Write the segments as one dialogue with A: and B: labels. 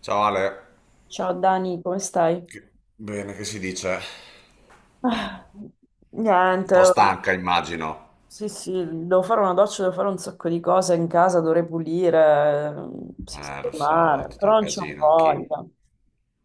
A: Ciao Ale,
B: Ciao Dani, come stai?
A: Che- bene, che si dice?
B: Ah,
A: Un
B: niente,
A: po' stanca immagino.
B: sì, sì, devo fare una doccia, devo fare un sacco di cose in casa, dovrei pulire,
A: Lo so, è
B: sistemare,
A: tutto
B: però
A: un
B: non c'ho
A: casino anch'io.
B: voglia.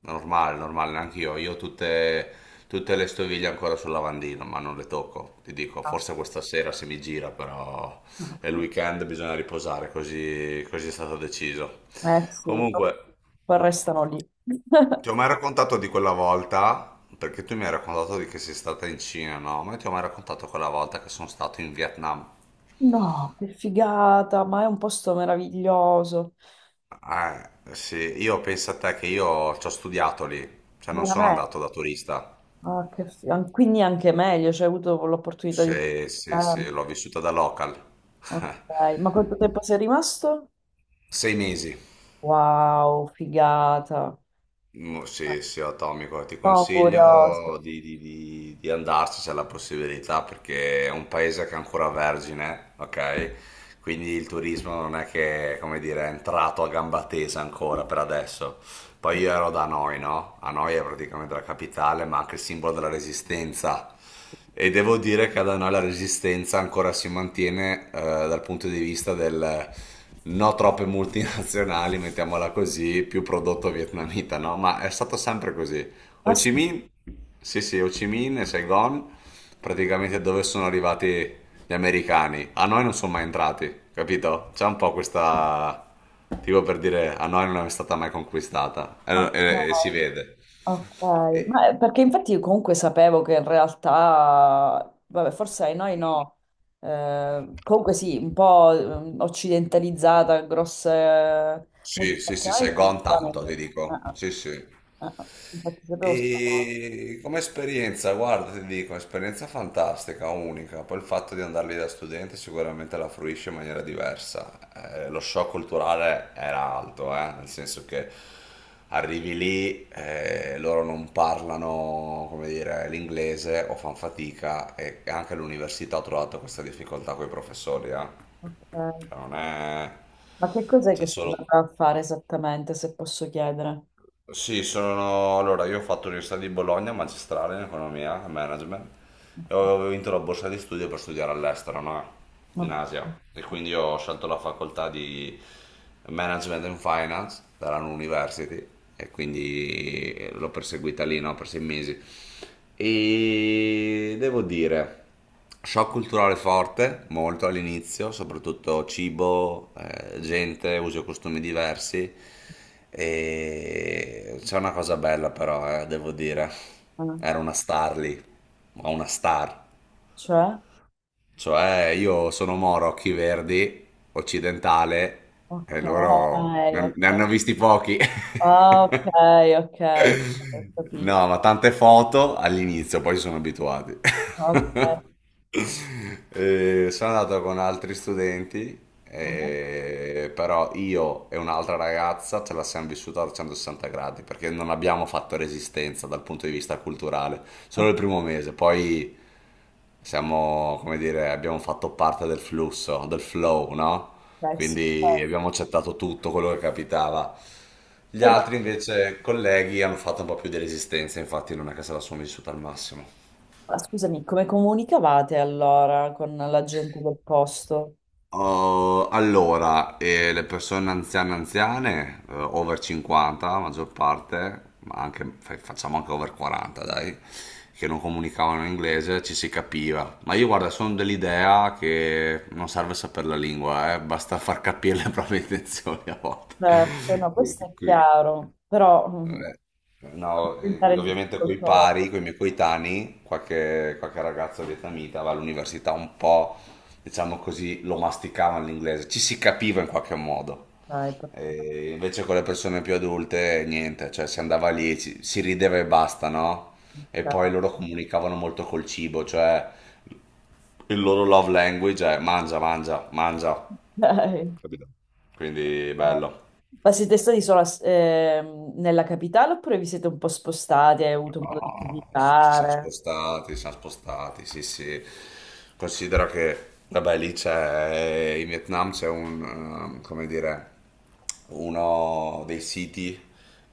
A: Normale, normale, anch'io. Io ho tutte le stoviglie ancora sul lavandino, ma non le tocco. Ti dico,
B: Ah,
A: forse questa sera se mi gira, però
B: ah.
A: è il weekend, bisogna riposare, così, così è stato deciso.
B: Eh sì, però
A: Comunque,
B: poi restano lì.
A: ti ho mai raccontato di quella volta, perché tu mi hai raccontato di che sei stata in Cina, no? Ma io ti ho mai raccontato quella volta che sono stato in Vietnam.
B: No, che figata, ma è un posto meraviglioso.
A: Ah, sì, io penso a te che io ci ho studiato lì, cioè non sono
B: Veramente.
A: andato da turista.
B: Ah, quindi anche meglio, cioè, hai avuto l'opportunità di...
A: Sì, sì, sì, l'ho vissuta da local.
B: Ok, ma quanto tempo sei rimasto?
A: 6 mesi.
B: Wow, figata.
A: Mm, sì, sì, atomico. Ti
B: No, curioso.
A: consiglio di andarci se hai la possibilità, perché è un paese che è ancora vergine, ok? Quindi il turismo non è che, come dire, è entrato a gamba tesa ancora per adesso. Poi io ero da Hanoi, no? Hanoi è praticamente la capitale, ma anche il simbolo della resistenza. E devo dire che ad Hanoi la resistenza ancora si mantiene, dal punto di vista del no troppe multinazionali, mettiamola così, più prodotto vietnamita, no? Ma è stato sempre così. Ho
B: Ma sì,
A: Chi Minh, sì sì, Ho Chi Minh e Saigon, praticamente dove sono arrivati gli americani. A noi non sono mai entrati, capito? C'è un po' questa... Tipo per dire, a noi non è stata mai conquistata. E si
B: ok,
A: vede.
B: ok.
A: E-
B: Perché infatti io comunque sapevo che in realtà, vabbè, forse ai noi no. Comunque sì, un po' occidentalizzata, grosse
A: sì, sì, sì,
B: multinazionali ci
A: Saigon
B: sono in
A: tanto, ti dico.
B: realtà.
A: Sì, sì.
B: Infatti sapevo sta cosa.
A: E come esperienza, guarda, ti dico, esperienza fantastica, unica. Poi il fatto di andare lì da studente sicuramente la fruisce in maniera diversa. Lo shock culturale era alto, nel senso che arrivi lì, loro non parlano, come dire, l'inglese o fanno fatica e anche l'università ha trovato questa difficoltà con i professori, eh.
B: Ok.
A: Cioè, non è...
B: Ma che cos'è
A: C'è
B: che stai
A: solo...
B: andando a fare esattamente, se posso chiedere?
A: Sì, sono... Allora, io ho fatto l'Università di Bologna, magistrale in economia e management, e avevo vinto la borsa di studio per studiare all'estero, no? In
B: Ok.
A: Asia. E quindi ho scelto la facoltà di Management and Finance dalla University e quindi l'ho perseguita lì, no? Per 6 mesi. E devo dire shock culturale forte, molto all'inizio, soprattutto cibo, gente, usi e costumi diversi. E c'è una cosa bella però, devo dire.
B: Ok.
A: Era una star lì, ma una star.
B: Cioè?
A: Cioè, io sono moro, occhi verdi, occidentale,
B: Ok,
A: e loro ne
B: ok.
A: hanno visti pochi.
B: Ah, ok, ok, ok, ho capito.
A: No, ma tante foto all'inizio, poi si sono abituati.
B: Ok.
A: Sono andato con altri studenti,
B: Ah,
A: eh, però io e un'altra ragazza ce la siamo vissuta a 160 gradi perché non abbiamo fatto resistenza dal punto di vista culturale, solo
B: ok,
A: il primo mese, poi siamo, come dire, abbiamo fatto parte del flusso, del flow, no?
B: ok, sì,
A: Quindi
B: certo.
A: abbiamo accettato tutto quello che capitava. Gli
B: Ma
A: altri invece colleghi hanno fatto un po' più di resistenza, infatti non è che se la sono vissuta al massimo.
B: scusami, come comunicavate allora con la gente del posto?
A: Oh, allora, le persone anziane, anziane, over 50, la maggior parte, ma anche, facciamo anche over 40, dai, che non comunicavano in inglese, ci si capiva. Ma io, guarda, sono dell'idea che non serve sapere la lingua, basta far capire le proprie intenzioni a volte.
B: Certo, no, questo
A: Qui-
B: è
A: qui-
B: chiaro, però
A: eh,
B: posso
A: No,
B: diventare
A: ovviamente coi
B: difficoltoso.
A: pari, coi miei coetanei, qualche ragazzo vietnamita va all'università un po', diciamo così, lo masticavano l'inglese, ci si capiva in qualche modo.
B: Ok, perfetto.
A: E invece con le persone più adulte, niente, cioè si andava lì, si rideva e basta, no? E poi loro comunicavano molto col cibo, cioè il loro love language è mangia, mangia, mangia.
B: Ok. Ok.
A: Capito? Quindi bello.
B: Ma siete stati solo nella capitale oppure vi siete un po' spostati e hai avuto modo di
A: Ah,
B: visitare?
A: ci siamo spostati, sì, sì. Considera che, vabbè, lì c'è, in Vietnam c'è come dire, uno dei siti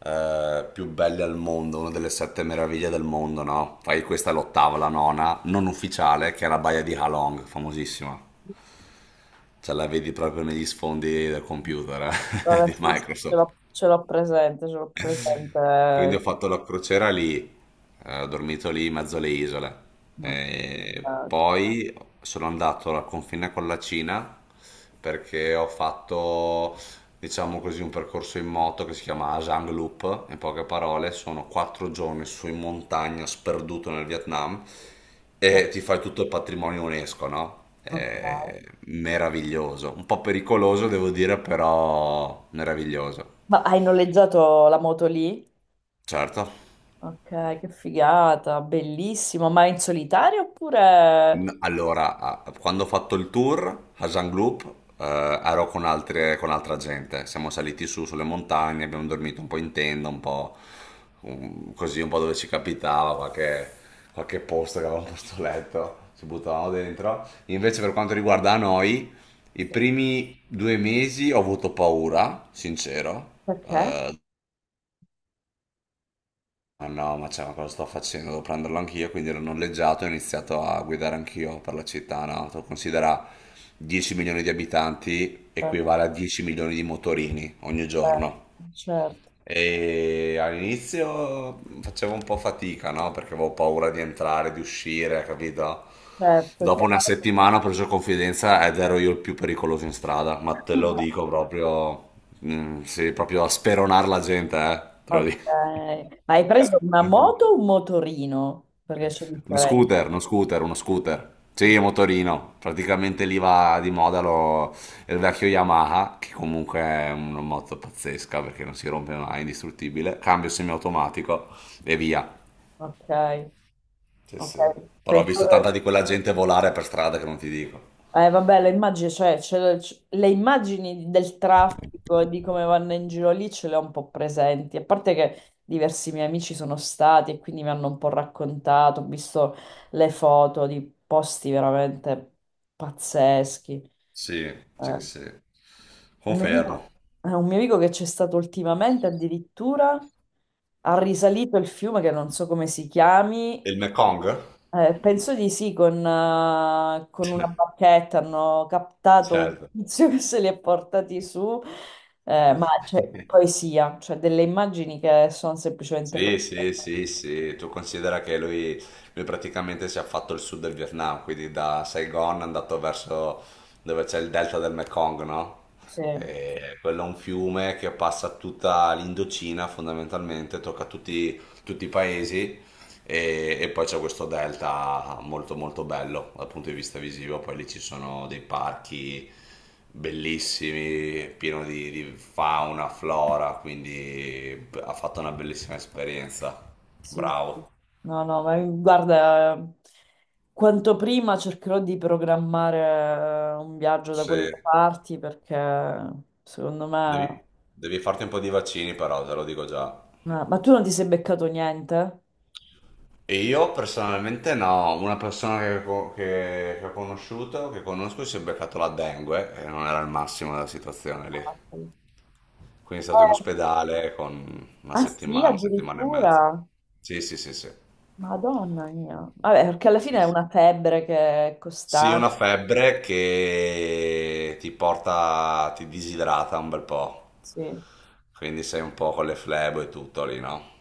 A: eh, più belli al mondo, una delle sette meraviglie del mondo, no? Poi questa è l'ottava, la nona, non ufficiale, che è la baia di Ha Long, famosissima. Ce la vedi proprio negli sfondi del computer,
B: Vabbè,
A: di
B: sì, sì,
A: Microsoft.
B: ce l'ho presente, ce l'ho
A: Quindi ho
B: presente.
A: fatto la crociera lì, ho dormito lì in mezzo alle isole.
B: No, eh,
A: E poi sono andato al confine con la Cina perché ho fatto, diciamo così, un percorso in moto che si chiama Asang Loop. In poche parole, sono 4 giorni su in montagna, sperduto nel Vietnam, e ti fai tutto il patrimonio UNESCO, no?
B: ok.
A: È meraviglioso, un po' pericoloso devo dire, però meraviglioso.
B: Ma hai noleggiato la moto lì?
A: Certo.
B: Ok, che figata, bellissimo. Ma in solitario oppure...
A: Allora, quando ho fatto il tour a Jean Group, ero con con altra gente. Siamo saliti su sulle montagne, abbiamo dormito un po' in tenda, un po' così, un po' dove ci capitava, qualche posto che avevamo posto letto, ci buttavamo dentro. Invece, per quanto riguarda noi, i primi 2 mesi ho avuto paura, sincero.
B: Perché?
A: Ma no, ma, cioè, ma cosa sto facendo? Devo prenderlo anch'io, quindi l'ho noleggiato e ho iniziato a guidare anch'io per la città, no? Tu considera 10 milioni di abitanti
B: Certo,
A: equivale a 10 milioni di motorini ogni giorno.
B: certo,
A: E all'inizio facevo un po' fatica, no? Perché avevo paura di entrare, di uscire, capito?
B: certo,
A: Dopo una
B: chiaro.
A: settimana ho preso confidenza ed ero io il più pericoloso in strada, ma te lo dico proprio, mm, sì, proprio a speronare la gente, te lo
B: Ok.
A: dico.
B: Ma hai preso una moto o un motorino? Perché c'è
A: Uno
B: differenza.
A: scooter, uno scooter, uno scooter. Sì, motorino. Praticamente lì va di moda il vecchio Yamaha, che comunque è una moto pazzesca perché non si rompe mai, è indistruttibile. Cambio semiautomatico e via.
B: Ok,
A: Sì,
B: ok.
A: sì. Però ho visto tanta
B: Pensavo...
A: di quella gente volare per strada che non ti dico.
B: Vabbè, le immagini, cioè, le immagini del traffico e di come vanno in giro lì ce le ho un po' presenti, a parte che diversi miei amici sono stati e quindi mi hanno un po' raccontato, ho visto le foto di posti veramente pazzeschi.
A: Sì, sì,
B: Eh,
A: sì.
B: un mio amico,
A: Confermo.
B: un mio amico che c'è stato ultimamente addirittura ha risalito il fiume che non so come si chiami,
A: E il Mekong?
B: penso di sì, con una bacchetta hanno captato
A: Certo.
B: un tizio che se li ha portati su, ma c'è poesia, cioè delle immagini che sono semplicemente
A: Sì,
B: poesia.
A: sì, sì, sì, tu considera che lui praticamente si è fatto il sud del Vietnam, quindi da Saigon è andato verso dove c'è il delta del Mekong, no?
B: Sì,
A: E quello è un fiume che passa tutta l'Indocina fondamentalmente, tocca tutti i paesi e poi c'è questo delta molto molto bello dal punto di vista visivo, poi lì ci sono dei parchi bellissimi, pieno di fauna, flora, quindi ha fatto una bellissima esperienza.
B: sì, sì.
A: Bravo.
B: No, no, ma guarda, quanto prima cercherò di programmare un viaggio da
A: Sì,
B: quelle parti perché secondo me...
A: devi, devi farti un po' di vaccini però, te lo dico già.
B: Ma tu non ti sei beccato niente?
A: E io personalmente no, una persona che, che ho conosciuto, che conosco, si è beccato la dengue e non era il massimo della situazione lì.
B: Ah, sì.
A: Quindi è stato in
B: Eh,
A: ospedale con
B: ah sì,
A: una settimana e mezza.
B: addirittura.
A: Sì, sì, sì, sì.
B: Madonna mia. Vabbè, perché alla
A: Sì,
B: fine è
A: sì.
B: una febbre che è
A: Sì,
B: costante.
A: una febbre che ti porta, ti disidrata un bel po'.
B: Sì.
A: Quindi sei un po' con le flebo e tutto lì, no?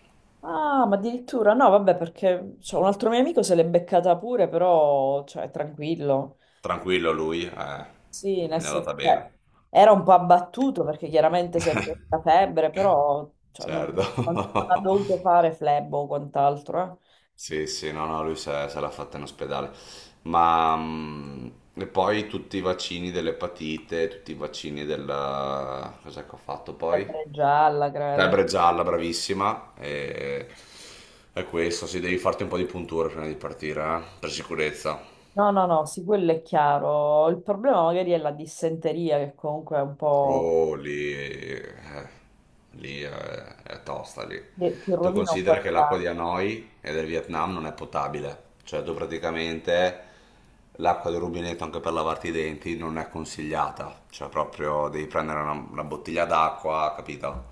B: Ah, ma addirittura no, vabbè, perché cioè, un altro mio amico se l'è beccata pure, però cioè, tranquillo.
A: Tranquillo lui,
B: Sì,
A: mi è
B: nel senso,
A: andata
B: cioè,
A: bene.
B: era un po' abbattuto perché chiaramente sempre la febbre, però cioè, non,
A: Certo.
B: non ha dovuto fare flebo o quant'altro. Eh.
A: Sì, sì, no, no, lui se l'ha fatta in ospedale. Ma e poi tutti i vaccini dell'epatite, tutti i vaccini della... Cos'è che ho fatto poi?
B: Febbre gialla, credo.
A: Febbre gialla, bravissima. E questo, sì, devi farti un po' di punture prima di partire, per sicurezza.
B: No, no, no, sì, quello è chiaro. Il problema magari è la dissenteria che comunque è un po',
A: Oh, lì è tosta lì.
B: ti
A: Tu
B: rovina un po'
A: considera
B: il
A: che l'acqua
B: piano.
A: di Hanoi e del Vietnam non è potabile, cioè tu praticamente l'acqua del rubinetto anche per lavarti i denti non è consigliata, cioè proprio devi prendere una bottiglia d'acqua, capito?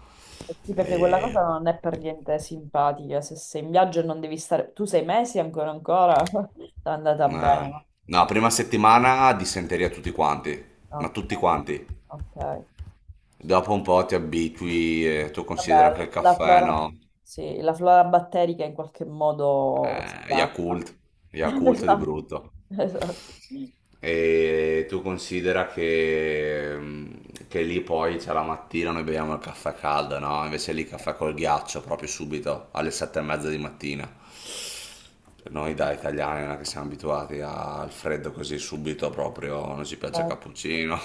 B: Eh sì, perché quella
A: E,
B: cosa non è per niente simpatica. Se sei in viaggio e non devi stare... Tu sei mesi ancora ancora? È andata bene,
A: eh,
B: no?
A: no, prima settimana dissenteria tutti quanti, ma
B: Ok,
A: tutti quanti.
B: ok.
A: Dopo un po' ti abitui e tu
B: Vabbè,
A: considera anche il
B: la
A: caffè,
B: flora...
A: no?
B: Sì, la flora batterica in qualche modo si adatta.
A: Yakult, Yakult di
B: Esatto,
A: brutto.
B: esatto. Eh,
A: E tu considera che lì poi c'è la mattina, noi beviamo il caffè caldo, no? Invece lì caffè col ghiaccio proprio subito alle 7:30 di mattina. Noi da italiani non è che siamo abituati al freddo così subito, proprio non ci piace il cappuccino.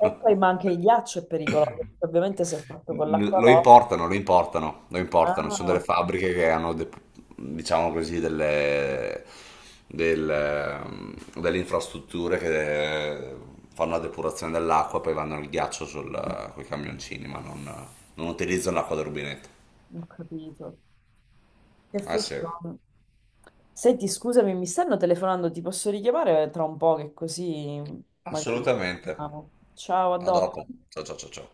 B: poi, ma anche il ghiaccio è pericoloso, perché ovviamente se è fatto con l'acqua
A: Lo
B: no.
A: importano, lo importano, lo importano. Ci sono
B: Ah,
A: delle fabbriche che hanno, diciamo così, del, ehm, delle infrastrutture che fanno la depurazione dell'acqua, poi vanno il ghiaccio sul, con i camioncini, ma non utilizzano l'acqua del rubinetto.
B: ho capito. Che
A: Ah
B: flash.
A: sì,
B: Senti, scusami, mi stanno telefonando, ti posso richiamare tra un po' che così magari...
A: assolutamente.
B: Ah, ciao, a
A: A
B: dopo.
A: dopo. Ciao ciao ciao ciao.